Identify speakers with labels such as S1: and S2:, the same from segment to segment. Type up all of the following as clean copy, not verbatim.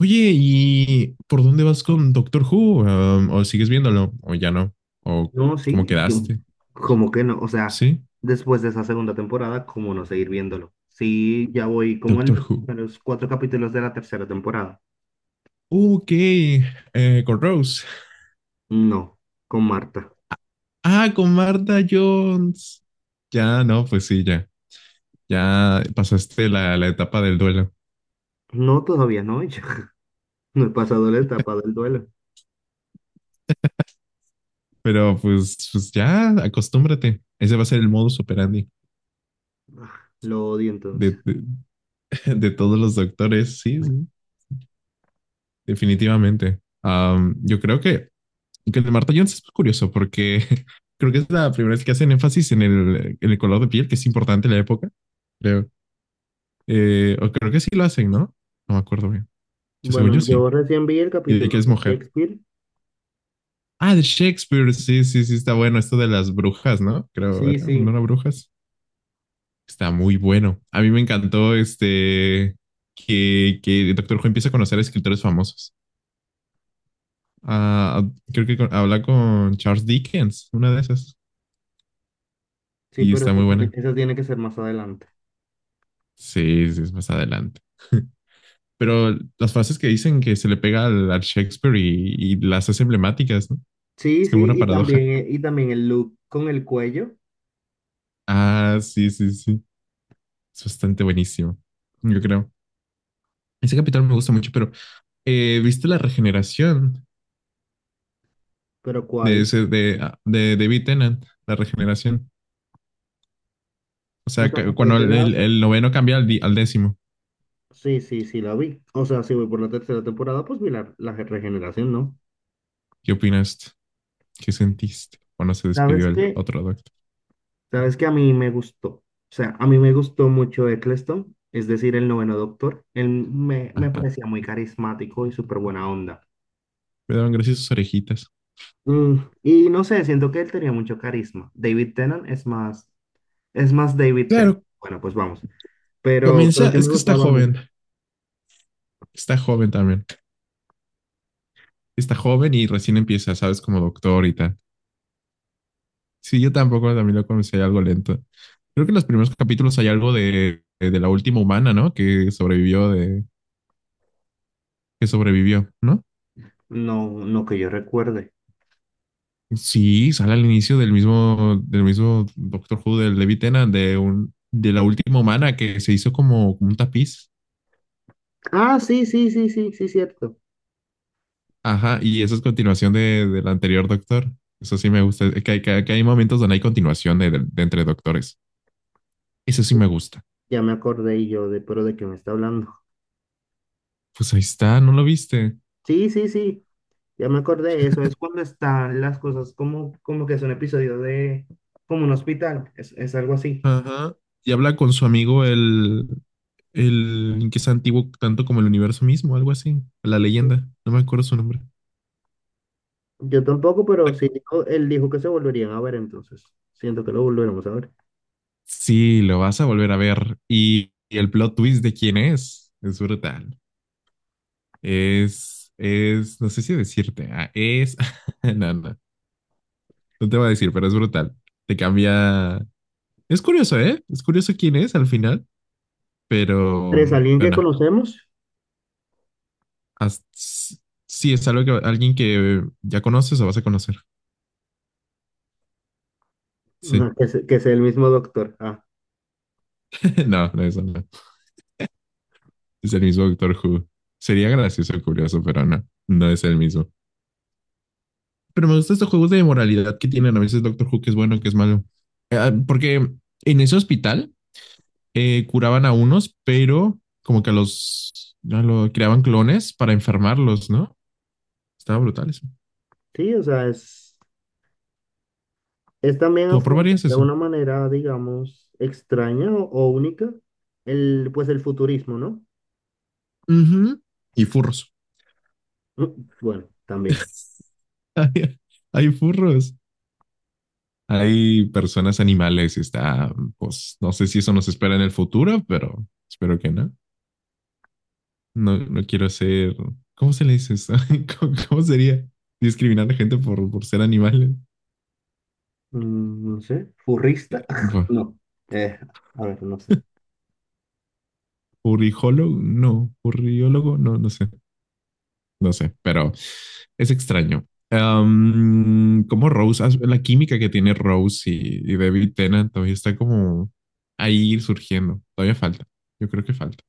S1: Oye, ¿y por dónde vas con Doctor Who? ¿O sigues viéndolo? ¿O ya no? ¿O
S2: No,
S1: cómo
S2: sí,
S1: quedaste?
S2: como que no, o sea,
S1: ¿Sí?
S2: después de esa segunda temporada, ¿cómo no seguir viéndolo? Sí, ya voy como en
S1: Doctor
S2: los
S1: Who.
S2: primeros cuatro capítulos de la tercera temporada.
S1: Ok, con Rose.
S2: No, con Marta.
S1: Ah, con Martha Jones. Ya, no, pues sí, ya. Ya pasaste la etapa del duelo.
S2: No, todavía no, ya no he pasado la etapa del duelo.
S1: Pero pues ya, acostúmbrate. Ese va a ser el modus operandi
S2: Ah, lo odio
S1: de,
S2: entonces.
S1: de, de todos los doctores. Sí, sí, definitivamente. Yo creo que el de Marta Jones es curioso porque creo que es la primera vez que hacen énfasis en el color de piel, que es importante en la época, creo. O creo que sí lo hacen, ¿no? No me acuerdo bien. Yo, según
S2: Bueno,
S1: yo, sí.
S2: yo recién vi el
S1: Y de
S2: capítulo
S1: que es
S2: de
S1: mujer.
S2: Shakespeare.
S1: Ah, de Shakespeare. Sí, sí, sí, está bueno. Esto de las brujas, ¿no? Creo,
S2: Sí,
S1: ¿verdad?
S2: sí,
S1: ¿No las brujas? Está muy bueno. A mí me encantó este que el Doctor Who empieza a conocer a escritores famosos. Ah, creo que habla con Charles Dickens, una de esas.
S2: sí,
S1: Y
S2: pero
S1: está
S2: eso
S1: muy
S2: tiene,
S1: buena.
S2: eso tiene que ser más adelante.
S1: Sí, sí, es más adelante. Pero las frases que dicen que se le pega al Shakespeare y las hace emblemáticas, ¿no?
S2: Sí,
S1: Es como
S2: sí,
S1: una
S2: y
S1: paradoja.
S2: también, y también el look con el cuello,
S1: Ah, sí, sí, sí. Es bastante buenísimo, yo creo. Ese capítulo me gusta mucho, pero ¿viste la regeneración
S2: pero
S1: de
S2: ¿cuál?
S1: ese, de David Tennant? La regeneración. O
S2: O
S1: sea,
S2: sea, lo
S1: que
S2: que es
S1: cuando
S2: de
S1: el, el-
S2: lado.
S1: el noveno cambia al décimo,
S2: Sí, sí, sí, la vi. O sea, si voy por la tercera temporada, pues vi la regeneración, ¿no?
S1: ¿qué opinas? ¿Qué sentiste cuando se despidió
S2: ¿Sabes
S1: el
S2: qué?
S1: otro doctor?
S2: ¿Sabes qué? A mí me gustó. O sea, a mí me gustó mucho Eccleston, es decir, el noveno doctor. Él me
S1: Ajá.
S2: parecía muy carismático y súper buena onda.
S1: Me daban gracias sus orejitas.
S2: Mm, y no sé, siento que él tenía mucho carisma. David Tennant es más David Tennant.
S1: Claro,
S2: Bueno, pues vamos. Pero,
S1: comienza,
S2: pero sí
S1: es
S2: me
S1: que está
S2: gustaba mucho.
S1: joven. Está joven también. Está joven y recién empieza, ¿sabes? Como doctor y tal. Sí, yo tampoco también lo conocí algo lento. Creo que en los primeros capítulos hay algo de la última humana, ¿no? Que que sobrevivió, ¿no?
S2: No, no que yo recuerde.
S1: Sí, sale al inicio del mismo Doctor Who del David Tennant, de la última humana que se hizo como, como un tapiz.
S2: Ah, sí, sí, sí, sí, sí, cierto.
S1: Ajá, y eso es continuación de, del anterior Doctor. Eso sí me gusta. Que, hay momentos donde hay continuación de entre doctores. Eso sí me gusta.
S2: Ya me acordé y yo de, pero ¿de qué me está hablando?
S1: Pues ahí está, ¿no lo viste?
S2: Sí, sí, sí, ya me acordé eso. Es cuando están las cosas como que es un episodio como un hospital, es algo así.
S1: Ajá. Y habla con su amigo el que es antiguo tanto como el universo mismo, algo así. La
S2: Sí.
S1: leyenda. No me acuerdo su nombre.
S2: Yo tampoco,
S1: ¿Te
S2: pero sí,
S1: acu-
S2: él dijo que se volverían a ver, entonces siento que lo volveremos a ver.
S1: Sí, lo vas a volver a ver. Y el plot twist de quién es. Es brutal. No sé si decirte. No, no, no te voy a decir, pero es brutal. Te cambia. Es curioso, ¿eh? Es curioso quién es al final, pero,
S2: ¿Tres, alguien
S1: pero
S2: que
S1: no.
S2: conocemos?
S1: Haz- sí, es algo que alguien que ya conoces o vas a conocer. Sí.
S2: No, que sea el mismo doctor. Ah,
S1: No, no es, no. Es el mismo Doctor Who. Sería gracioso y curioso, pero no, no es el mismo. Pero me gustan estos juegos de moralidad que tienen a veces Doctor Who, que es bueno, que es malo. Porque en ese hospital curaban a unos, pero como que a los ya lo, creaban clones para enfermarlos, ¿no? Estaba brutal eso.
S2: sí, o sea, es también
S1: ¿Tú
S2: afrontar
S1: aprobarías
S2: de
S1: eso?
S2: una manera, digamos, extraña o única pues el futurismo, ¿no?
S1: Ujú. Y furros.
S2: Mm, Bueno, también.
S1: Hay, hay furros. Hay personas animales. Y está, pues, no sé si eso nos espera en el futuro, pero espero que no. No, no quiero ser. ¿Cómo se le dice eso? ¿Cómo sería? ¿Discriminar a gente por ser animales?
S2: No sé, furrista.
S1: Buah.
S2: No. Eh, a ver, no sé.
S1: ¿Purijólogo? No. ¿Puriólogo? No, no sé. No sé, pero es extraño. Como Rose, la química que tiene Rose y David Tennant todavía está como ahí surgiendo. Todavía falta. Yo creo que falta.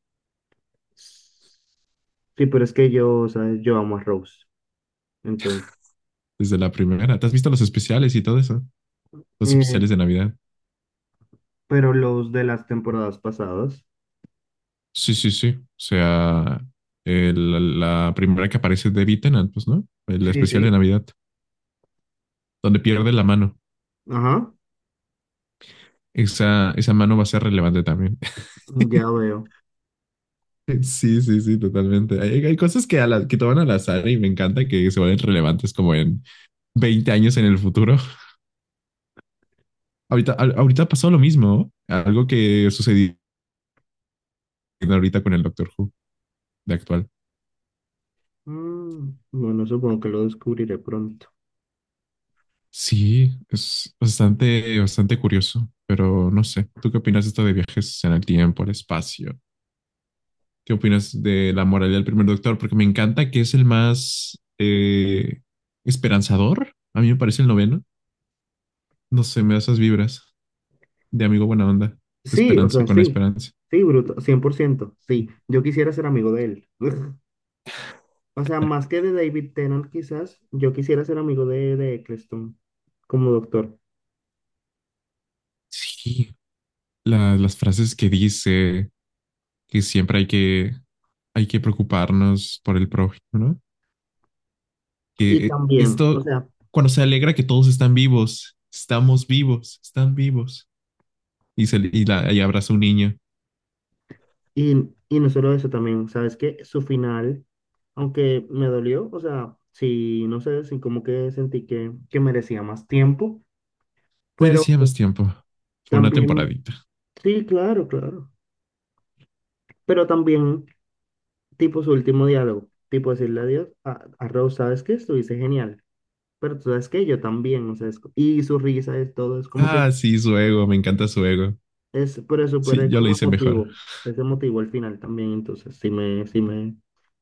S2: Sí, pero es que yo, ¿sabes? Yo amo a Rose. Entonces,
S1: Desde la primera. ¿Te has visto los especiales y todo eso? Los
S2: eh,
S1: especiales de Navidad.
S2: pero los de las temporadas pasadas.
S1: Sí, sí, sí. O sea, la primera que aparece es David Tennant, pues, ¿no? El
S2: Sí,
S1: especial de
S2: sí.
S1: Navidad, donde pierde la mano.
S2: Ajá,
S1: Esa mano va a ser relevante también.
S2: ya veo.
S1: Sí, sí, sí, totalmente. Hay cosas que toman al azar y me encanta que se vuelven relevantes como en 20 años en el futuro. Ahorita, ahorita pasó lo mismo, algo que sucedió ahorita con el Doctor Who de actual.
S2: Bueno, supongo que lo descubriré pronto.
S1: Sí, es bastante, bastante curioso, pero no sé. ¿Tú qué opinas de esto de viajes en el tiempo, el espacio? ¿Qué opinas de la moralidad del primer doctor? Porque me encanta que es el más esperanzador. A mí me parece el noveno. No sé, me da esas vibras de amigo buena onda.
S2: Sí, o
S1: Esperanza
S2: sea,
S1: con
S2: sí.
S1: esperanza.
S2: Sí, bruto, 100%. Sí, yo quisiera ser amigo de él. O sea, más que de David Tennant, quizás, yo quisiera ser amigo de Eccleston como doctor.
S1: Sí, las frases que dice que siempre hay que preocuparnos por el prójimo, ¿no?
S2: Y
S1: Que
S2: también, o
S1: esto,
S2: sea,
S1: cuando se alegra que todos están vivos, estamos vivos, están vivos. Y abraza a un niño.
S2: y no solo eso también, ¿sabes qué? Su final, aunque me dolió, o sea, sí, no sé, sí como que sentí que merecía más tiempo, pero
S1: Merecía más tiempo. Fue una temporada.
S2: también, sí, claro, claro, pero también, tipo su último diálogo, tipo decirle adiós a Rose, ¿sabes qué? Estuviste genial, pero tú sabes que yo también, o sea, y su risa es todo, es como que,
S1: Ah, sí, su ego, me encanta su ego.
S2: pero es
S1: Sí,
S2: súper
S1: yo lo
S2: como
S1: hice mejor.
S2: emotivo, es emotivo al final también, entonces sí me, sí me,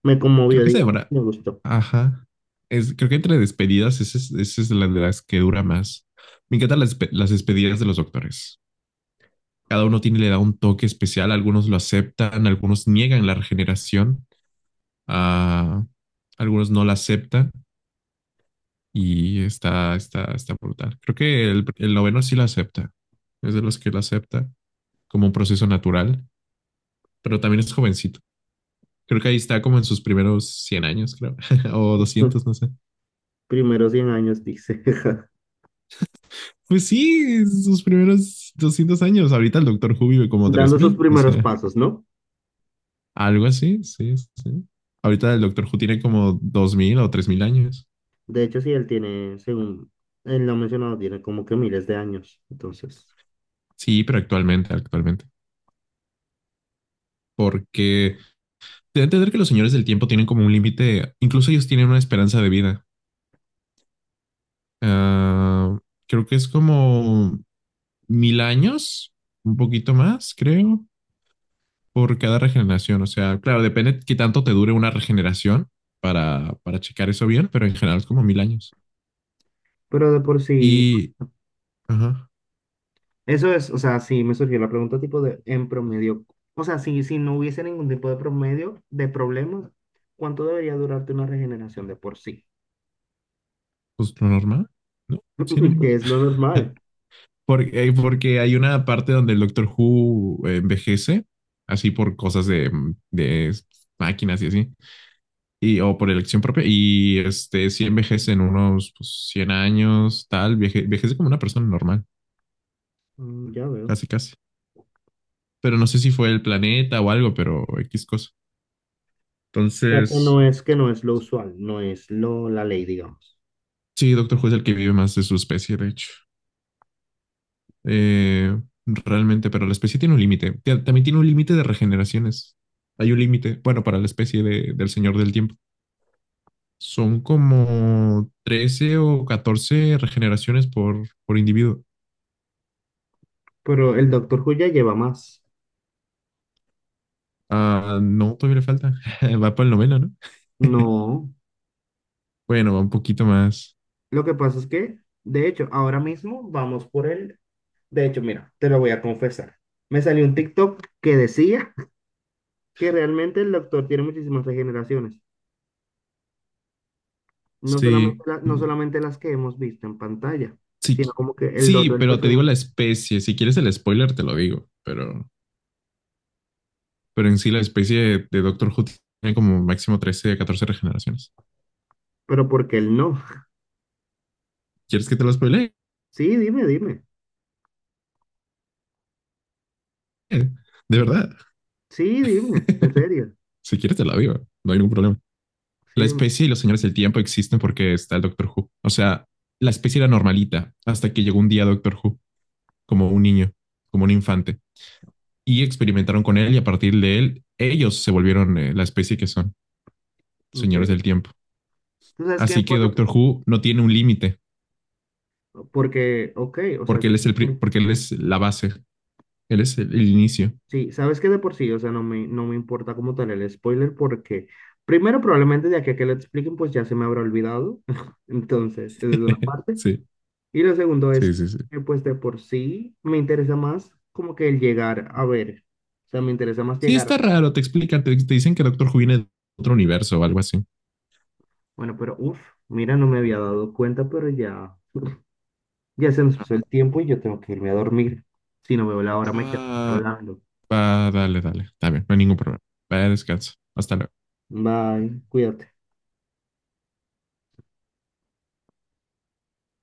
S2: me
S1: Creo
S2: conmovió,
S1: que se
S2: digamos,
S1: demora.
S2: me gustó.
S1: Ajá. Creo que entre despedidas, esa es la de las que dura más. Me encantan las despedidas de los doctores. Cada uno tiene, le da un toque especial. Algunos lo aceptan, algunos niegan la regeneración, ah, algunos no la aceptan y está brutal. Creo que el noveno sí la acepta. Es de los que la acepta como un proceso natural, pero también es jovencito. Creo que ahí está como en sus primeros 100 años, creo, o 200 no sé.
S2: Primeros 100 años, dice.
S1: Pues sí, sus primeros 200 años. Ahorita el Doctor Who vive como tres
S2: Dando sus
S1: mil o
S2: primeros
S1: sea,
S2: pasos, ¿no?
S1: algo así, sí, sí, sí. Ahorita el Doctor Who tiene como 2000 o 3000 años.
S2: De hecho, sí, él tiene, según él lo ha mencionado, tiene como que miles de años. Entonces,
S1: Sí, pero actualmente, actualmente. Porque debe entender que los señores del tiempo tienen como un límite, incluso ellos tienen una esperanza de vida. Ah, creo que es como 1000 años, un poquito más, creo. Por cada regeneración. O sea, claro, depende qué tanto te dure una regeneración para checar eso bien, pero en general es como 1000 años.
S2: pero de por sí,
S1: Y, ajá,
S2: eso es, o sea, sí me surgió la pregunta tipo de, en promedio, o sea, si no hubiese ningún tipo de promedio de problemas, ¿cuánto debería durarte una regeneración de por sí?
S1: pues lo normal, ¿no? Cien
S2: Que
S1: años.
S2: es lo normal.
S1: Porque, porque hay una parte donde el Doctor Who envejece, así por cosas de máquinas y así, o por elección propia, y si envejece en unos pues, 100 años, tal, envejece como una persona normal,
S2: Ya veo.
S1: casi, casi. Pero no sé si fue el planeta o algo, pero X cosa.
S2: O sea, que
S1: Entonces,
S2: no es, que no es lo usual, no es la ley, digamos.
S1: sí, Doctor Who es el que vive más de su especie, de hecho. Eh, Realmente, pero la especie tiene un límite. También tiene un límite de regeneraciones. Hay un límite, bueno, para la especie del Señor del Tiempo. Son como 13 o 14 regeneraciones por individuo.
S2: Pero el Doctor Who ya lleva más.
S1: Ah, no, todavía le falta. Va para el noveno, ¿no?
S2: No,
S1: Bueno, va un poquito más.
S2: lo que pasa es que, de hecho, ahora mismo vamos por el... De hecho, mira, te lo voy a confesar. Me salió un TikTok que decía que realmente el doctor tiene muchísimas regeneraciones. No
S1: Sí,
S2: solamente, no
S1: mm,
S2: solamente las que hemos visto en pantalla,
S1: sí,
S2: sino como que el
S1: sí,
S2: otro del
S1: pero te digo la
S2: personaje.
S1: especie. Si quieres el spoiler, te lo digo, pero en sí la especie de Doctor Who tiene como máximo 13 a 14 regeneraciones.
S2: Pero porque él no.
S1: ¿Quieres que te lo spoile?
S2: Sí, dime, dime.
S1: De verdad.
S2: Sí, dime. En serio.
S1: Si quieres te la vivo, no hay ningún problema.
S2: Sí,
S1: La
S2: dime.
S1: especie y los señores del tiempo existen porque está el Doctor Who. O sea, la especie era normalita hasta que llegó un día Doctor Who, como un niño, como un infante, y experimentaron con él y a partir de él ellos se volvieron la especie que son, señores del
S2: Increíble.
S1: tiempo.
S2: ¿Tú sabes quién?
S1: Así que Doctor Who no tiene un límite
S2: Porque, ok, o sea,
S1: porque él es la base, él es el inicio.
S2: sí, sabes que de por sí, o sea, no me importa como tal el spoiler porque primero probablemente de aquí a que lo expliquen pues ya se me habrá olvidado, entonces, esa es una parte.
S1: Sí.
S2: Y lo segundo
S1: Sí,
S2: es
S1: sí, sí.
S2: que pues de por sí me interesa más como que el llegar a ver, o sea, me interesa más
S1: Sí,
S2: llegar.
S1: está raro, te explican, te dicen que Doctor Who viene de otro universo o algo así.
S2: Bueno, pero uff, mira, no me había dado cuenta, pero ya se nos pasó el tiempo y yo tengo que irme a dormir. Si no veo la hora me quedo
S1: Ah,
S2: hablando.
S1: Ah, dale, dale, está bien, no hay ningún problema. Vaya, descansa. Hasta luego.
S2: Bye, cuídate.